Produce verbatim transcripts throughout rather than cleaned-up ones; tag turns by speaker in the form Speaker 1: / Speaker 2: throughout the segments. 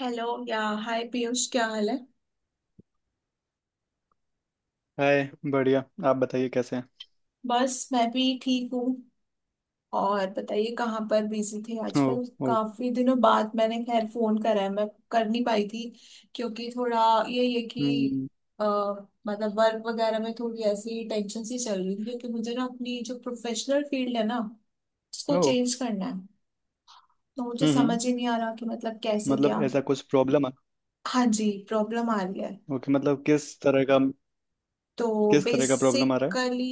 Speaker 1: Hello या hi Piyush, क्या हाल है।
Speaker 2: हाय। बढ़िया। आप बताइए कैसे हैं।
Speaker 1: बस मैं भी ठीक हूँ। और बताइए कहाँ पर बिजी थे
Speaker 2: ओ।
Speaker 1: आजकल,
Speaker 2: ओ।
Speaker 1: काफी दिनों बाद मैंने खैर फोन करा है, मैं कर नहीं पाई थी क्योंकि थोड़ा ये ये कि
Speaker 2: हम्म।
Speaker 1: अ, मतलब वर्क वगैरह में थोड़ी ऐसी टेंशन सी चल रही थी, क्योंकि मुझे ना अपनी जो प्रोफेशनल फील्ड है ना, उसको
Speaker 2: ओ।
Speaker 1: चेंज करना है। तो मुझे
Speaker 2: हम्म। हम्म,
Speaker 1: समझ ही नहीं आ रहा कि मतलब कैसे
Speaker 2: मतलब
Speaker 1: क्या।
Speaker 2: ऐसा कुछ प्रॉब्लम है।
Speaker 1: हाँ जी, प्रॉब्लम आ रही है।
Speaker 2: ओके मतलब किस तरह का,
Speaker 1: तो
Speaker 2: किस तरह का प्रॉब्लम आ रहा
Speaker 1: बेसिकली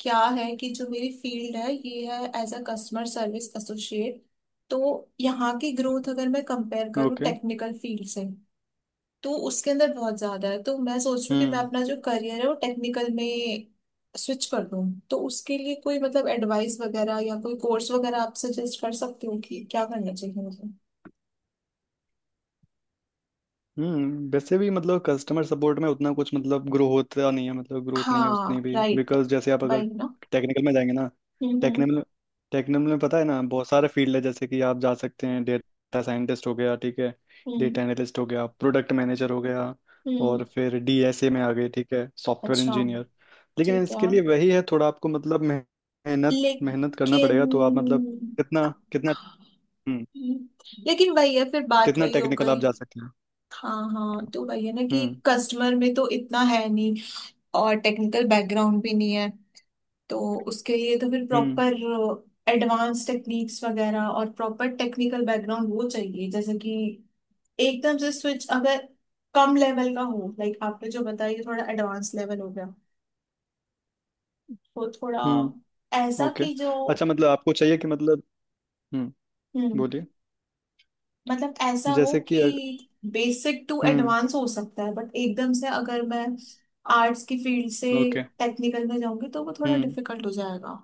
Speaker 1: क्या है कि जो मेरी फील्ड है ये है as a customer service associate. तो यहाँ की ग्रोथ अगर मैं कंपेयर
Speaker 2: है।
Speaker 1: करूँ
Speaker 2: ओके।
Speaker 1: टेक्निकल फील्ड से तो उसके अंदर बहुत ज्यादा है। तो मैं सोच रही हूँ कि मैं
Speaker 2: हम्म।
Speaker 1: अपना जो करियर है वो टेक्निकल में स्विच कर दूँ। तो उसके लिए कोई मतलब एडवाइस वगैरह या कोई कोर्स वगैरह आप सजेस्ट कर सकते हो कि क्या करना चाहिए मुझे।
Speaker 2: हम्म वैसे भी मतलब कस्टमर सपोर्ट में उतना कुछ मतलब ग्रो होता नहीं है, मतलब ग्रोथ नहीं है उसने
Speaker 1: हाँ
Speaker 2: भी
Speaker 1: राइट।
Speaker 2: बिकॉज जैसे आप अगर
Speaker 1: बाइक ना।
Speaker 2: टेक्निकल में जाएंगे ना।
Speaker 1: हम्म हम्म
Speaker 2: टेक्निकल टेक्निकल में पता है ना बहुत सारे फील्ड है, जैसे कि आप जा सकते हैं डेटा साइंटिस्ट हो गया ठीक है,
Speaker 1: हम्म
Speaker 2: डेटा एनालिस्ट हो गया, प्रोडक्ट मैनेजर हो गया और
Speaker 1: हम्म।
Speaker 2: फिर डी एस ए में आ गए ठीक है सॉफ्टवेयर
Speaker 1: अच्छा।
Speaker 2: इंजीनियर। लेकिन
Speaker 1: ठीक है।
Speaker 2: इसके लिए वही है, थोड़ा आपको मतलब मेह- मेहनत मेहनत करना
Speaker 1: लेकिन
Speaker 2: पड़ेगा। तो आप मतलब कितना कितना हम्म,
Speaker 1: लेकिन वही है फिर, बात
Speaker 2: कितना
Speaker 1: वही हो
Speaker 2: टेक्निकल
Speaker 1: गई।
Speaker 2: आप जा सकते हैं।
Speaker 1: हाँ हाँ, तो वही है ना कि
Speaker 2: हम्म।
Speaker 1: कस्टमर में तो इतना है नहीं, और टेक्निकल बैकग्राउंड भी नहीं है। तो उसके लिए तो फिर
Speaker 2: हम्म।
Speaker 1: प्रॉपर एडवांस टेक्निक्स वगैरह और प्रॉपर टेक्निकल बैकग्राउंड वो चाहिए, जैसे कि एकदम से स्विच अगर कम लेवल का हो, लाइक आपने जो बताया ये थोड़ा एडवांस लेवल हो गया, तो थोड़ा
Speaker 2: हम्म।
Speaker 1: ऐसा
Speaker 2: ओके।
Speaker 1: कि जो।
Speaker 2: अच्छा मतलब आपको चाहिए कि मतलब हम्म
Speaker 1: हम्म।
Speaker 2: बोलिए।
Speaker 1: मतलब ऐसा हो
Speaker 2: जैसे
Speaker 1: कि
Speaker 2: कि अग-
Speaker 1: बेसिक टू
Speaker 2: हम्म।
Speaker 1: एडवांस हो सकता है, बट एकदम से अगर मैं आर्ट्स की फील्ड से
Speaker 2: ओके।
Speaker 1: टेक्निकल में जाऊंगी तो वो थोड़ा
Speaker 2: हम्म।
Speaker 1: डिफिकल्ट हो जाएगा।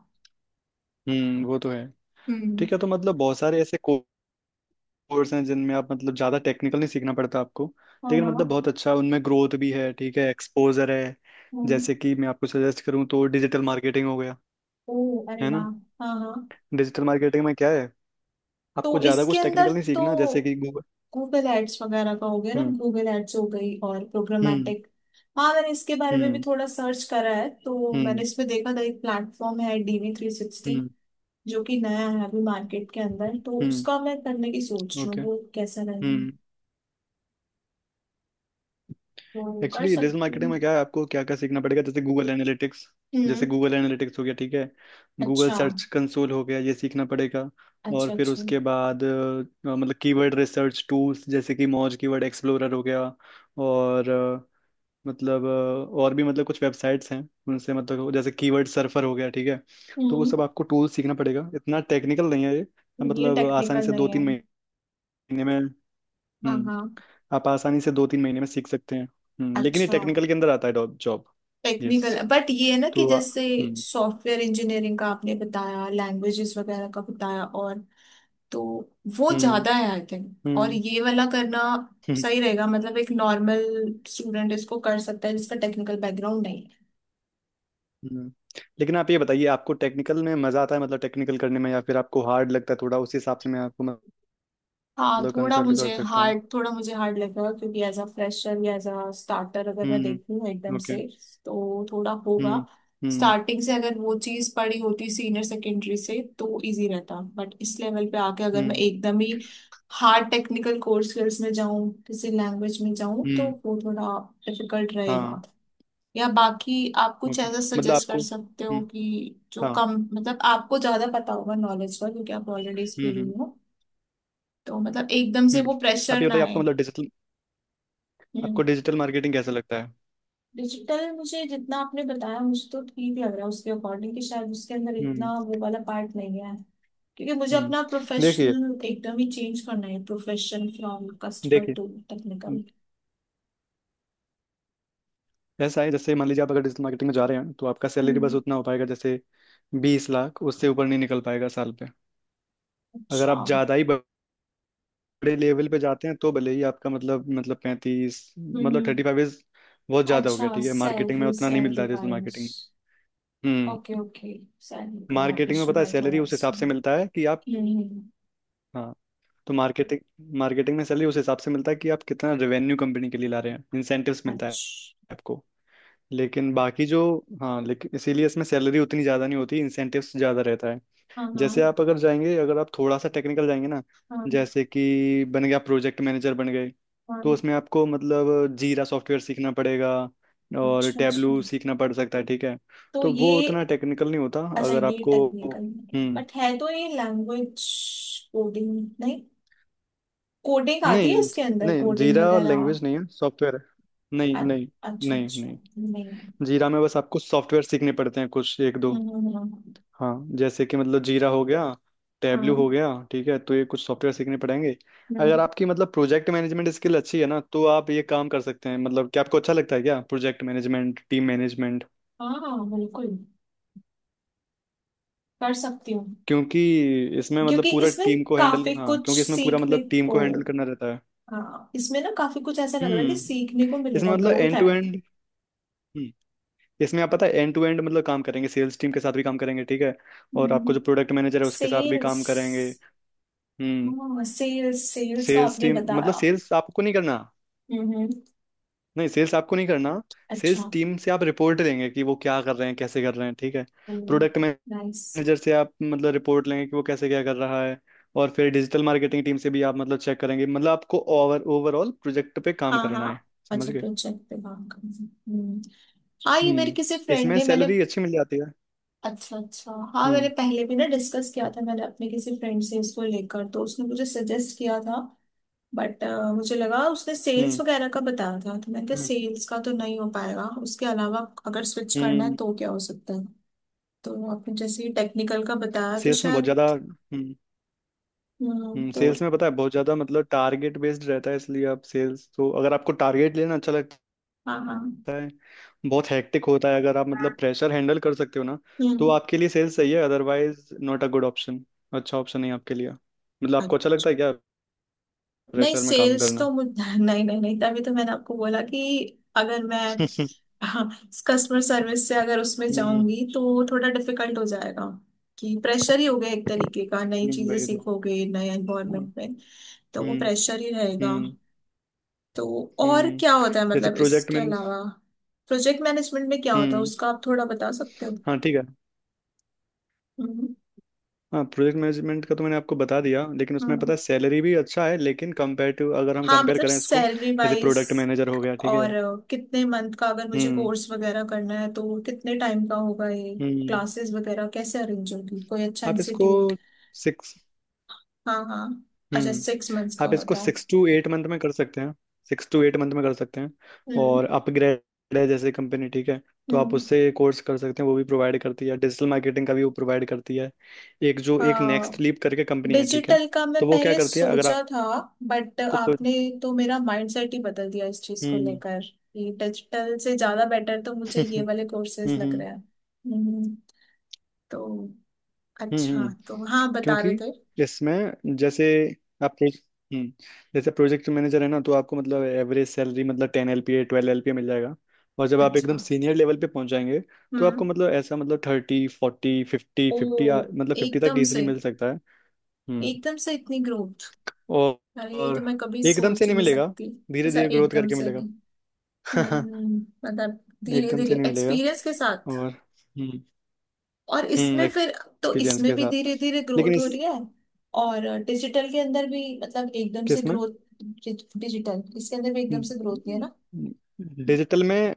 Speaker 2: हम्म वो तो है।
Speaker 1: हम्म।
Speaker 2: ठीक है तो मतलब बहुत सारे ऐसे कोर्स हैं जिनमें आप मतलब ज़्यादा टेक्निकल नहीं सीखना पड़ता आपको,
Speaker 1: हाँ
Speaker 2: लेकिन मतलब
Speaker 1: हाँ।
Speaker 2: बहुत अच्छा उनमें ग्रोथ भी है ठीक है एक्सपोजर है।
Speaker 1: हम्म।
Speaker 2: जैसे कि मैं आपको सजेस्ट करूँ तो डिजिटल मार्केटिंग हो गया
Speaker 1: ओ, अरे
Speaker 2: है
Speaker 1: वाह।
Speaker 2: ना।
Speaker 1: हाँ हाँ,
Speaker 2: डिजिटल मार्केटिंग में क्या है, आपको
Speaker 1: तो
Speaker 2: ज़्यादा
Speaker 1: इसके
Speaker 2: कुछ
Speaker 1: अंदर
Speaker 2: टेक्निकल नहीं
Speaker 1: तो
Speaker 2: सीखना, जैसे कि गूगल।
Speaker 1: गूगल एड्स वगैरह का हो गया ना,
Speaker 2: हम्म।
Speaker 1: गूगल एड्स हो गई और
Speaker 2: हम्म।
Speaker 1: प्रोग्रामेटिक। हाँ, मैंने इसके बारे में भी
Speaker 2: हम्म।
Speaker 1: थोड़ा सर्च करा है, तो मैंने
Speaker 2: हम्म।
Speaker 1: इसमें देखा था एक प्लेटफॉर्म है डी वी थ्री सिक्सटी,
Speaker 2: हम्म।
Speaker 1: जो कि नया है अभी मार्केट के अंदर। तो
Speaker 2: हम्म।
Speaker 1: उसका मैं करने की सोच रही हूँ,
Speaker 2: ओके।
Speaker 1: वो कैसा रहेगा,
Speaker 2: हम्म।
Speaker 1: तो कर
Speaker 2: एक्चुअली डिजिटल
Speaker 1: सकती
Speaker 2: मार्केटिंग
Speaker 1: हूँ।
Speaker 2: में क्या है आपको क्या क्या सीखना पड़ेगा, जैसे गूगल एनालिटिक्स, जैसे
Speaker 1: हम्म।
Speaker 2: गूगल एनालिटिक्स हो गया ठीक है, गूगल
Speaker 1: अच्छा
Speaker 2: सर्च कंसोल हो गया ये सीखना पड़ेगा। और
Speaker 1: अच्छा।
Speaker 2: फिर
Speaker 1: अच्छा।
Speaker 2: उसके बाद अ, मतलब कीवर्ड रिसर्च टूल्स जैसे कि मौज कीवर्ड एक्सप्लोरर हो गया। और अ, मतलब अ, और भी मतलब कुछ वेबसाइट्स हैं उनसे मतलब, जैसे कीवर्ड सर्फर हो गया ठीक है। तो वो
Speaker 1: हम्म।
Speaker 2: सब आपको टूल सीखना पड़ेगा, इतना टेक्निकल नहीं है ये।
Speaker 1: ये
Speaker 2: मतलब आसानी
Speaker 1: टेक्निकल
Speaker 2: से दो
Speaker 1: नहीं है।
Speaker 2: तीन महीने में
Speaker 1: हाँ
Speaker 2: हम्म
Speaker 1: हाँ।
Speaker 2: आप आसानी से दो तीन महीने में सीख सकते हैं। हम्म लेकिन ये
Speaker 1: अच्छा,
Speaker 2: टेक्निकल के अंदर आता है जॉब। यस।
Speaker 1: टेक्निकल बट ये है ना कि
Speaker 2: तो आ-
Speaker 1: जैसे
Speaker 2: हम्म।
Speaker 1: सॉफ्टवेयर इंजीनियरिंग का आपने बताया, लैंग्वेजेस वगैरह का बताया, और तो वो
Speaker 2: हम्म।
Speaker 1: ज्यादा है आई थिंक, और
Speaker 2: हम्म।
Speaker 1: ये वाला करना
Speaker 2: हम्म,
Speaker 1: सही रहेगा। मतलब एक नॉर्मल स्टूडेंट इसको कर सकता है जिसका टेक्निकल बैकग्राउंड नहीं है।
Speaker 2: हम्म। लेकिन आप ये बताइए आपको टेक्निकल में मजा आता है, मतलब टेक्निकल करने में, या फिर आपको हार्ड लगता है थोड़ा। उस हिसाब से मैं आपको मतलब
Speaker 1: हाँ, थोड़ा
Speaker 2: कंसल्ट कर
Speaker 1: मुझे
Speaker 2: सकता हूँ।
Speaker 1: हार्ड थोड़ा मुझे हार्ड लग रहा है, क्योंकि एज अ फ्रेशर या एज अ स्टार्टर अगर मैं
Speaker 2: हम्म
Speaker 1: देखूँ एकदम से
Speaker 2: ओके।
Speaker 1: तो थोड़ा
Speaker 2: हम्म।
Speaker 1: होगा।
Speaker 2: हम्म।
Speaker 1: स्टार्टिंग से अगर वो चीज पड़ी होती सीनियर सेकेंडरी से तो इजी रहता, बट इस लेवल पे आके अगर मैं
Speaker 2: हम्म।
Speaker 1: एकदम ही हार्ड टेक्निकल कोर्स स्किल्स में जाऊँ, किसी लैंग्वेज में जाऊँ, तो
Speaker 2: हम्म।
Speaker 1: वो थोड़ा डिफिकल्ट
Speaker 2: हाँ।
Speaker 1: रहेगा। या बाकी आप कुछ
Speaker 2: ओके
Speaker 1: ऐसा
Speaker 2: मतलब
Speaker 1: सजेस्ट
Speaker 2: आपको
Speaker 1: कर सकते हो
Speaker 2: हम्म
Speaker 1: कि जो
Speaker 2: हाँ
Speaker 1: कम, मतलब आपको ज्यादा पता होगा नॉलेज का, क्योंकि आप ऑलरेडी इस
Speaker 2: हम्म
Speaker 1: फील्ड
Speaker 2: हम्म
Speaker 1: में हो, तो मतलब एकदम से
Speaker 2: हम्म।
Speaker 1: वो
Speaker 2: आप
Speaker 1: प्रेशर
Speaker 2: ये
Speaker 1: ना
Speaker 2: बताइए आपको
Speaker 1: आए।
Speaker 2: मतलब डिजिटल
Speaker 1: हम्म।
Speaker 2: आपको डिजिटल मार्केटिंग कैसा लगता है।
Speaker 1: डिजिटल मुझे जितना आपने बताया मुझे तो ठीक लग रहा है, उसके अकॉर्डिंग, कि शायद उसके अंदर
Speaker 2: हम्म।
Speaker 1: इतना वो वाला पार्ट नहीं है, क्योंकि मुझे
Speaker 2: हम्म।
Speaker 1: अपना
Speaker 2: देखिए
Speaker 1: प्रोफेशनल एकदम ही चेंज करना है, प्रोफेशन फ्रॉम कस्टमर
Speaker 2: देखिए
Speaker 1: टू टेक्निकल।
Speaker 2: ऐसा है जैसे मान लीजिए आप अगर डिजिटल मार्केटिंग में जा रहे हैं तो आपका सैलरी बस
Speaker 1: हम्म।
Speaker 2: उतना हो पाएगा, जैसे बीस लाख, उससे ऊपर नहीं निकल पाएगा साल पे। अगर
Speaker 1: अच्छा।
Speaker 2: आप ज़्यादा ही बड़े लेवल पे जाते हैं तो भले ही आपका मतलब मतलब पैंतीस मतलब
Speaker 1: हम्म।
Speaker 2: थर्टी फाइव इज बहुत ज़्यादा हो
Speaker 1: अच्छा,
Speaker 2: गया ठीक है, मार्केटिंग में
Speaker 1: सैलरी
Speaker 2: उतना नहीं मिलता
Speaker 1: सैलरी
Speaker 2: है digital
Speaker 1: wise.
Speaker 2: Marketing.
Speaker 1: Okay
Speaker 2: hmm
Speaker 1: okay. Salary का
Speaker 2: मार्केटिंग में
Speaker 1: इशू
Speaker 2: पता है
Speaker 1: है थोड़ा
Speaker 2: सैलरी उस हिसाब
Speaker 1: इसमें।
Speaker 2: से मिलता है कि आप,
Speaker 1: हम्म।
Speaker 2: हाँ, तो मार्केटिंग मार्केटिंग में सैलरी उस हिसाब से मिलता है कि आप कितना रेवेन्यू कंपनी के लिए ला रहे हैं, इंसेंटिव्स मिलता है
Speaker 1: अच्छा।
Speaker 2: आपको। लेकिन बाकी जो, हाँ, लेकिन इसीलिए इसमें सैलरी उतनी ज़्यादा नहीं होती, इंसेंटिव्स ज़्यादा रहता है।
Speaker 1: हाँ हाँ।
Speaker 2: जैसे आप अगर जाएंगे, अगर आप थोड़ा सा टेक्निकल जाएंगे ना,
Speaker 1: हाँ
Speaker 2: जैसे कि बन गया प्रोजेक्ट मैनेजर बन गए,
Speaker 1: हाँ।
Speaker 2: तो उसमें आपको मतलब जीरा सॉफ्टवेयर सीखना पड़ेगा और
Speaker 1: अच्छा अच्छा।
Speaker 2: टैबलू सीखना पड़ सकता है ठीक है।
Speaker 1: तो
Speaker 2: तो वो
Speaker 1: ये
Speaker 2: उतना टेक्निकल नहीं होता,
Speaker 1: अच्छा,
Speaker 2: अगर
Speaker 1: ये
Speaker 2: आपको
Speaker 1: टेक्निकल नहीं है
Speaker 2: हम्म
Speaker 1: बट है तो ये लैंग्वेज। कोडिंग, नहीं, कोडिंग आती है इसके
Speaker 2: नहीं
Speaker 1: अंदर,
Speaker 2: नहीं,
Speaker 1: कोडिंग
Speaker 2: जीरा
Speaker 1: वगैरह।
Speaker 2: लैंग्वेज नहीं है, सॉफ्टवेयर है। नहीं
Speaker 1: अ-
Speaker 2: नहीं
Speaker 1: अच्छा
Speaker 2: नहीं
Speaker 1: अच्छा।
Speaker 2: नहीं
Speaker 1: नहीं है।
Speaker 2: जीरा में बस आपको सॉफ्टवेयर सीखने पड़ते हैं कुछ एक दो।
Speaker 1: हम्म हम्म हम्म,
Speaker 2: हाँ जैसे कि मतलब जीरा हो गया, टैबलू
Speaker 1: हाँ।
Speaker 2: हो गया ठीक है, तो ये कुछ सॉफ्टवेयर सीखने पड़ेंगे।
Speaker 1: हम्म,
Speaker 2: अगर आपकी मतलब प्रोजेक्ट मैनेजमेंट स्किल अच्छी है ना तो आप ये काम कर सकते हैं, मतलब क्या आपको अच्छा लगता है क्या प्रोजेक्ट मैनेजमेंट, टीम मैनेजमेंट।
Speaker 1: हाँ हाँ, हाँ, बिल्कुल, कर सकती हूँ।
Speaker 2: क्योंकि इसमें मतलब
Speaker 1: क्योंकि
Speaker 2: पूरा
Speaker 1: इसमें
Speaker 2: टीम को हैंडल,
Speaker 1: काफी
Speaker 2: हाँ
Speaker 1: कुछ
Speaker 2: क्योंकि इसमें पूरा
Speaker 1: सीखने
Speaker 2: मतलब टीम
Speaker 1: को।
Speaker 2: को हैंडल करना रहता है।
Speaker 1: हाँ इसमें ना काफी कुछ ऐसा लग रहा है कि
Speaker 2: हम्म
Speaker 1: सीखने को
Speaker 2: इसमें
Speaker 1: मिलेगा,
Speaker 2: मतलब
Speaker 1: ग्रोथ
Speaker 2: एंड
Speaker 1: है।
Speaker 2: टू एंड हम्म, इसमें आप पता है एंड टू एंड मतलब काम करेंगे, सेल्स टीम के साथ भी काम करेंगे ठीक है, और आपको जो प्रोडक्ट मैनेजर है उसके साथ भी
Speaker 1: सेल्स।
Speaker 2: काम करेंगे। हम्म
Speaker 1: हाँ, सेल्स सेल्स का
Speaker 2: सेल्स
Speaker 1: आपने
Speaker 2: टीम,
Speaker 1: बताया।
Speaker 2: मतलब सेल्स आपको नहीं करना,
Speaker 1: हम्म हम्म,
Speaker 2: नहीं सेल्स आपको नहीं करना।
Speaker 1: अच्छा।
Speaker 2: सेल्स टीम से आप रिपोर्ट लेंगे कि वो क्या कर रहे हैं कैसे कर रहे हैं ठीक है, प्रोडक्ट
Speaker 1: नाइस।
Speaker 2: मैनेजर से आप मतलब रिपोर्ट लेंगे कि वो कैसे क्या कर रहा है, और फिर डिजिटल मार्केटिंग टीम से भी आप मतलब चेक करेंगे, मतलब आपको ओवर ओवरऑल प्रोजेक्ट पे काम
Speaker 1: हाँ
Speaker 2: करना है।
Speaker 1: हाँ,
Speaker 2: समझ
Speaker 1: अच्छा,
Speaker 2: गए।
Speaker 1: प्रोजेक्ट पे काम कर सकते हैं। हम्म। हाँ ये मेरे
Speaker 2: हम्म
Speaker 1: किसी फ्रेंड
Speaker 2: इसमें
Speaker 1: ने, मैंने,
Speaker 2: सैलरी अच्छी मिल जाती है।
Speaker 1: अच्छा अच्छा, हाँ मैंने
Speaker 2: हम्म।
Speaker 1: पहले भी ना डिस्कस किया था, मैंने अपने किसी फ्रेंड से इसको लेकर, तो उसने मुझे सजेस्ट किया था। बट मुझे लगा उसने सेल्स
Speaker 2: हम्म।
Speaker 1: वगैरह का बताया था, तो मैंने कहा
Speaker 2: हम्म।
Speaker 1: सेल्स का तो नहीं हो पाएगा, उसके अलावा अगर स्विच करना है
Speaker 2: हम्म
Speaker 1: तो क्या हो सकता है। तो आपने जैसे ही टेक्निकल का बताया तो
Speaker 2: सेल्स में बहुत
Speaker 1: शायद।
Speaker 2: ज़्यादा हम्म,
Speaker 1: हम्म,
Speaker 2: हम्म
Speaker 1: तो
Speaker 2: सेल्स में पता है बहुत ज़्यादा मतलब टारगेट बेस्ड रहता है, इसलिए आप सेल्स, तो अगर आपको टारगेट लेना अच्छा लगता है
Speaker 1: हाँ। हाँ।
Speaker 2: होता है, बहुत हेक्टिक होता है, अगर आप मतलब प्रेशर हैंडल कर सकते हो ना तो
Speaker 1: हम्म।
Speaker 2: आपके लिए सेल्स सही है, otherwise not a good option. अच्छा ऑप्शन नहीं आपके लिए, मतलब आपको अच्छा लगता है क्या
Speaker 1: नहीं
Speaker 2: प्रेशर में काम
Speaker 1: सेल्स
Speaker 2: करना।
Speaker 1: तो मुझ नहीं नहीं नहीं, तभी तो मैंने आपको बोला कि अगर मैं,
Speaker 2: हम्म।
Speaker 1: हाँ, कस्टमर सर्विस से अगर उसमें जाऊंगी तो थोड़ा डिफिकल्ट हो जाएगा। कि प्रेशर ही हो गया एक तरीके का, नई
Speaker 2: हम्म,
Speaker 1: चीजें
Speaker 2: वही तो।
Speaker 1: सीखोगे नए
Speaker 2: हाँ,
Speaker 1: एनवायरनमेंट में, तो वो
Speaker 2: हम्म।
Speaker 1: प्रेशर ही रहेगा।
Speaker 2: हम्म।
Speaker 1: तो और क्या
Speaker 2: हम्म
Speaker 1: होता है
Speaker 2: जैसे
Speaker 1: मतलब
Speaker 2: प्रोजेक्ट
Speaker 1: इसके
Speaker 2: मैनेज
Speaker 1: अलावा, प्रोजेक्ट मैनेजमेंट में क्या होता है
Speaker 2: हम्म
Speaker 1: उसका आप थोड़ा बता सकते हो।
Speaker 2: हाँ ठीक है।
Speaker 1: हम्म।
Speaker 2: हाँ प्रोजेक्ट मैनेजमेंट का तो मैंने आपको बता दिया, लेकिन उसमें
Speaker 1: हम्म।
Speaker 2: पता है सैलरी भी अच्छा है, लेकिन कंपेयर अगर हम
Speaker 1: हाँ,
Speaker 2: कंपेयर
Speaker 1: मतलब
Speaker 2: करें इसको,
Speaker 1: सैलरी
Speaker 2: जैसे
Speaker 1: वाइज।
Speaker 2: प्रोडक्ट मैनेजर हो गया ठीक है।
Speaker 1: और अ, कितने मंथ का अगर मुझे
Speaker 2: हम्म।
Speaker 1: कोर्स वगैरह करना है, तो कितने टाइम का होगा ये,
Speaker 2: हम्म।
Speaker 1: क्लासेस वगैरह कैसे अरेंज होगी, कोई अच्छा
Speaker 2: आप इसको
Speaker 1: इंस्टीट्यूट।
Speaker 2: सिक्स
Speaker 1: हाँ हाँ। अच्छा,
Speaker 2: हम्म
Speaker 1: सिक्स मंथ्स का
Speaker 2: आप इसको
Speaker 1: होता।
Speaker 2: सिक्स टू एट मंथ में कर सकते हैं, सिक्स टू एट मंथ में कर सकते हैं। और
Speaker 1: हम्म
Speaker 2: अपग्रेड है जैसे कंपनी ठीक है, तो आप
Speaker 1: हम्म।
Speaker 2: उससे कोर्स कर सकते हैं, वो भी प्रोवाइड करती है, डिजिटल मार्केटिंग का भी वो प्रोवाइड करती है। एक जो एक नेक्स्ट
Speaker 1: हाँ,
Speaker 2: लीप करके कंपनी है ठीक है।
Speaker 1: डिजिटल का मैं
Speaker 2: तो वो क्या
Speaker 1: पहले
Speaker 2: करती है अगर
Speaker 1: सोचा
Speaker 2: आप-
Speaker 1: था, बट
Speaker 2: आपको
Speaker 1: आपने तो मेरा माइंडसेट ही बदल दिया इस चीज को
Speaker 2: हम्म
Speaker 1: लेकर, कि डिजिटल से ज्यादा बेटर तो मुझे ये
Speaker 2: हम्म
Speaker 1: वाले कोर्सेज लग
Speaker 2: हम्म
Speaker 1: रहे हैं। हम्म। तो
Speaker 2: हम्म हम्म।
Speaker 1: अच्छा, तो हाँ बता
Speaker 2: क्योंकि
Speaker 1: रहे थे।
Speaker 2: इसमें जैसे आप प्रो- हम्म, जैसे प्रोजेक्ट मैनेजर है ना तो आपको मतलब एवरेज सैलरी मतलब ten L P A twelve L P मिल जाएगा, और जब आप एकदम
Speaker 1: अच्छा।
Speaker 2: सीनियर लेवल पे पहुंच जाएंगे तो आपको
Speaker 1: हम्म।
Speaker 2: मतलब ऐसा मतलब थर्टी फोर्टी फिफ्टी फिफ्टी
Speaker 1: ओ,
Speaker 2: मतलब फिफ्टी तक
Speaker 1: एकदम से,
Speaker 2: इजीली मिल सकता है। हम्म।
Speaker 1: एकदम से इतनी ग्रोथ,
Speaker 2: और,
Speaker 1: अरे ये
Speaker 2: और
Speaker 1: तो मैं कभी
Speaker 2: एकदम से
Speaker 1: सोच ही
Speaker 2: नहीं
Speaker 1: नहीं
Speaker 2: मिलेगा,
Speaker 1: सकती।
Speaker 2: धीरे
Speaker 1: ऐसा
Speaker 2: धीरे ग्रोथ
Speaker 1: एकदम
Speaker 2: करके
Speaker 1: से
Speaker 2: मिलेगा।
Speaker 1: नहीं। हम्म। मतलब धीरे
Speaker 2: एकदम से
Speaker 1: धीरे
Speaker 2: नहीं मिलेगा।
Speaker 1: एक्सपीरियंस के साथ।
Speaker 2: और हम्म
Speaker 1: और
Speaker 2: हम्म
Speaker 1: इसमें फिर तो
Speaker 2: एक्सपीरियंस
Speaker 1: इसमें
Speaker 2: के
Speaker 1: भी
Speaker 2: साथ।
Speaker 1: धीरे धीरे
Speaker 2: लेकिन
Speaker 1: ग्रोथ हो
Speaker 2: इस
Speaker 1: रही है। और डिजिटल के अंदर भी मतलब एकदम से
Speaker 2: किस में?
Speaker 1: ग्रोथ, डिजिटल इसके अंदर भी एकदम से ग्रोथ नहीं है ना।
Speaker 2: डिजिटल में,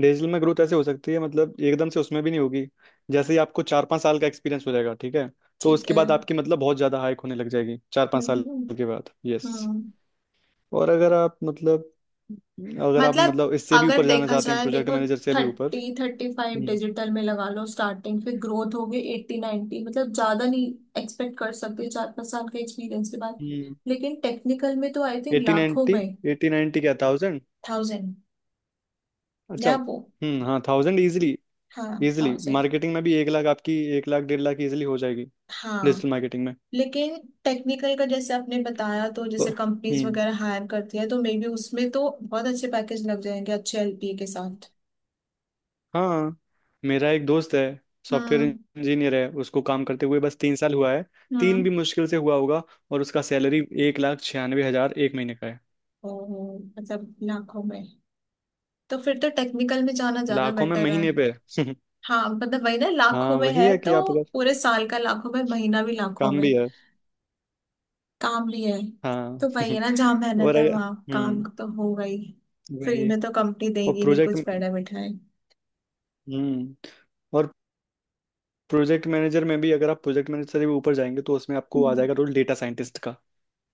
Speaker 2: डिजिटल में ग्रोथ ऐसे हो सकती है, मतलब एकदम से उसमें भी नहीं होगी। जैसे ही आपको चार पाँच साल का एक्सपीरियंस हो जाएगा ठीक है, तो
Speaker 1: ठीक
Speaker 2: उसके
Speaker 1: है।
Speaker 2: बाद
Speaker 1: हम्म
Speaker 2: आपकी मतलब बहुत ज़्यादा हाइक होने लग जाएगी, चार पाँच
Speaker 1: हम्म
Speaker 2: साल के बाद, यस।
Speaker 1: हम्म।
Speaker 2: और अगर आप मतलब, अगर आप
Speaker 1: मतलब
Speaker 2: मतलब इससे भी
Speaker 1: अगर
Speaker 2: ऊपर जाना
Speaker 1: देखा
Speaker 2: चाहते हैं,
Speaker 1: जाए,
Speaker 2: प्रोजेक्ट
Speaker 1: देखो,
Speaker 2: मैनेजर से भी ऊपर।
Speaker 1: थर्टी थर्टी फाइव डिजिटल में लगा लो स्टार्टिंग, फिर ग्रोथ होगी एट्टी नाइन्टी, मतलब ज्यादा नहीं एक्सपेक्ट कर सकते चार पाँच साल के एक्सपीरियंस के बाद।
Speaker 2: हम्म।
Speaker 1: लेकिन टेक्निकल में तो आई थिंक
Speaker 2: एटी
Speaker 1: लाखों
Speaker 2: नाइन्टी
Speaker 1: में।
Speaker 2: एटी नाइन्टी क्या, थाउजेंड?
Speaker 1: थाउजेंड
Speaker 2: अच्छा
Speaker 1: या वो,
Speaker 2: हम्म, हाँ थाउजेंड इजिली।
Speaker 1: हाँ
Speaker 2: इजिली
Speaker 1: थाउजेंड।
Speaker 2: मार्केटिंग में भी एक लाख, आपकी एक लाख डेढ़ लाख इजिली हो जाएगी
Speaker 1: हाँ।
Speaker 2: डिजिटल मार्केटिंग में।
Speaker 1: लेकिन टेक्निकल का जैसे आपने बताया, तो जैसे कंपनीज
Speaker 2: हम्म
Speaker 1: वगैरह हायर करती है, तो मे बी उसमें तो बहुत अच्छे पैकेज लग जाएंगे, अच्छे एल पी ए के साथ।
Speaker 2: हाँ। मेरा एक दोस्त है, सॉफ्टवेयर
Speaker 1: हम्म
Speaker 2: इंजीनियर है, उसको काम करते हुए बस तीन साल हुआ है, तीन
Speaker 1: हम्म।
Speaker 2: भी मुश्किल से हुआ होगा, और उसका सैलरी एक लाख छियानवे हजार एक महीने का है।
Speaker 1: ओ, मतलब लाखों में, तो फिर तो टेक्निकल में जाना ज्यादा
Speaker 2: लाखों में
Speaker 1: बेटर है।
Speaker 2: महीने पे।
Speaker 1: हाँ, मतलब वही ना, लाखों
Speaker 2: हाँ
Speaker 1: में
Speaker 2: वही
Speaker 1: है
Speaker 2: है
Speaker 1: तो।
Speaker 2: कि आप अगर
Speaker 1: पूरे साल का लाखों में, महीना भी लाखों
Speaker 2: काम
Speaker 1: में।
Speaker 2: भी है।
Speaker 1: काम भी है।
Speaker 2: हाँ
Speaker 1: तो वही है ना, जहाँ मेहनत
Speaker 2: और
Speaker 1: है
Speaker 2: अगर
Speaker 1: वहाँ काम
Speaker 2: हम्म
Speaker 1: तो होगा ही, फ्री
Speaker 2: वही,
Speaker 1: में तो कंपनी
Speaker 2: और
Speaker 1: देगी नहीं कुछ
Speaker 2: प्रोजेक्ट
Speaker 1: बैठा बिठाए।
Speaker 2: हम्म, और प्रोजेक्ट मैनेजर में भी अगर आप प्रोजेक्ट मैनेजर से भी ऊपर जाएंगे तो उसमें आपको आ
Speaker 1: हम्म।
Speaker 2: जाएगा रोल डेटा साइंटिस्ट का।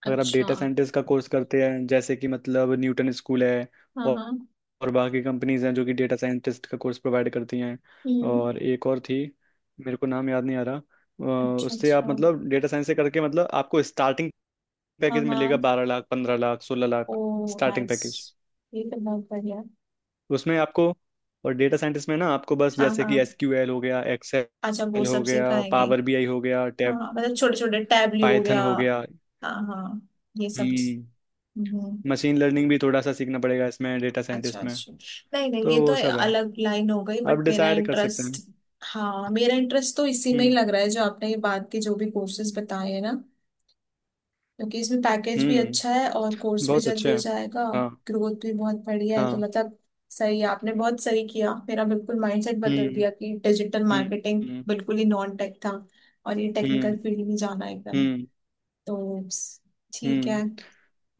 Speaker 2: अगर आप
Speaker 1: अच्छा।
Speaker 2: डेटा साइंटिस्ट का कोर्स करते हैं, जैसे कि मतलब न्यूटन स्कूल है
Speaker 1: हाँ हाँ।
Speaker 2: और बाकी कंपनीज हैं जो कि डेटा साइंटिस्ट का कोर्स प्रोवाइड करती हैं,
Speaker 1: हम्म।
Speaker 2: और एक और थी, मेरे को नाम याद नहीं आ रहा। अ,
Speaker 1: अच्छा
Speaker 2: उससे आप
Speaker 1: अच्छा।
Speaker 2: मतलब डेटा साइंस से करके मतलब आपको स्टार्टिंग
Speaker 1: हाँ
Speaker 2: पैकेज मिलेगा
Speaker 1: हाँ।
Speaker 2: बारह लाख पंद्रह लाख सोलह
Speaker 1: ओ
Speaker 2: लाख स्टार्टिंग
Speaker 1: नाइस,
Speaker 2: पैकेज।
Speaker 1: ये तो बहुत बढ़िया।
Speaker 2: उसमें आपको, और डेटा साइंटिस्ट में ना आपको बस
Speaker 1: हाँ
Speaker 2: जैसे
Speaker 1: हाँ,
Speaker 2: कि एस क्यू एल हो गया,
Speaker 1: अच्छा वो
Speaker 2: एक्सेल हो
Speaker 1: सब
Speaker 2: गया,
Speaker 1: सिखाएंगे।
Speaker 2: पावर बी आई हो गया, टैब,
Speaker 1: हाँ मतलब छोटे छोटे, टैबली हो
Speaker 2: पाइथन
Speaker 1: गया।
Speaker 2: हो गया।
Speaker 1: हाँ हाँ, ये सब।
Speaker 2: हम्म
Speaker 1: हम्म।
Speaker 2: मशीन लर्निंग भी थोड़ा सा सीखना पड़ेगा इसमें, डेटा
Speaker 1: अच्छा
Speaker 2: साइंटिस्ट में,
Speaker 1: अच्छा। नहीं नहीं,
Speaker 2: तो
Speaker 1: ये तो
Speaker 2: वो सब है।
Speaker 1: अलग लाइन हो गई,
Speaker 2: आप
Speaker 1: बट मेरा
Speaker 2: डिसाइड कर सकते
Speaker 1: इंटरेस्ट,
Speaker 2: हैं।
Speaker 1: हाँ मेरा इंटरेस्ट तो इसी में ही
Speaker 2: हम्म।
Speaker 1: लग रहा है, जो आपने ये बात की, जो भी कोर्सेज बताए हैं ना, क्योंकि इसमें पैकेज भी अच्छा
Speaker 2: हम्म
Speaker 1: है और कोर्स भी
Speaker 2: बहुत
Speaker 1: जल्दी
Speaker 2: अच्छे
Speaker 1: हो
Speaker 2: हैं।
Speaker 1: जाएगा,
Speaker 2: हाँ।
Speaker 1: ग्रोथ भी बहुत बढ़िया है, तो
Speaker 2: हाँ।
Speaker 1: मतलब सही है। आपने बहुत सही किया, मेरा बिल्कुल माइंडसेट बदल
Speaker 2: हम्म।
Speaker 1: दिया कि डिजिटल
Speaker 2: हम्म।
Speaker 1: मार्केटिंग
Speaker 2: हम्म।
Speaker 1: बिल्कुल ही नॉन टेक था और ये टेक्निकल
Speaker 2: हम्म।
Speaker 1: फील्ड में जाना एकदम,
Speaker 2: हम्म।
Speaker 1: तो ठीक है।
Speaker 2: हम्म,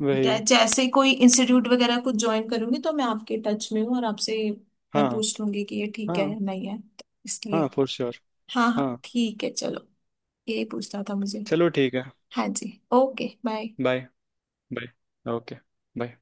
Speaker 2: वही।
Speaker 1: जै- जैसे कोई इंस्टीट्यूट वगैरह कुछ ज्वाइन करूंगी, तो मैं आपके टच में हूँ और आपसे मैं
Speaker 2: हाँ।
Speaker 1: पूछ लूंगी कि ये ठीक है या
Speaker 2: हाँ।
Speaker 1: नहीं है, तो इसलिए।
Speaker 2: हाँ फॉर श्योर।
Speaker 1: हाँ हाँ
Speaker 2: हाँ।
Speaker 1: ठीक है, चलो, यही पूछना था मुझे।
Speaker 2: चलो ठीक है।
Speaker 1: हाँ जी, okay bye.
Speaker 2: Bye. Bye okay. Bye.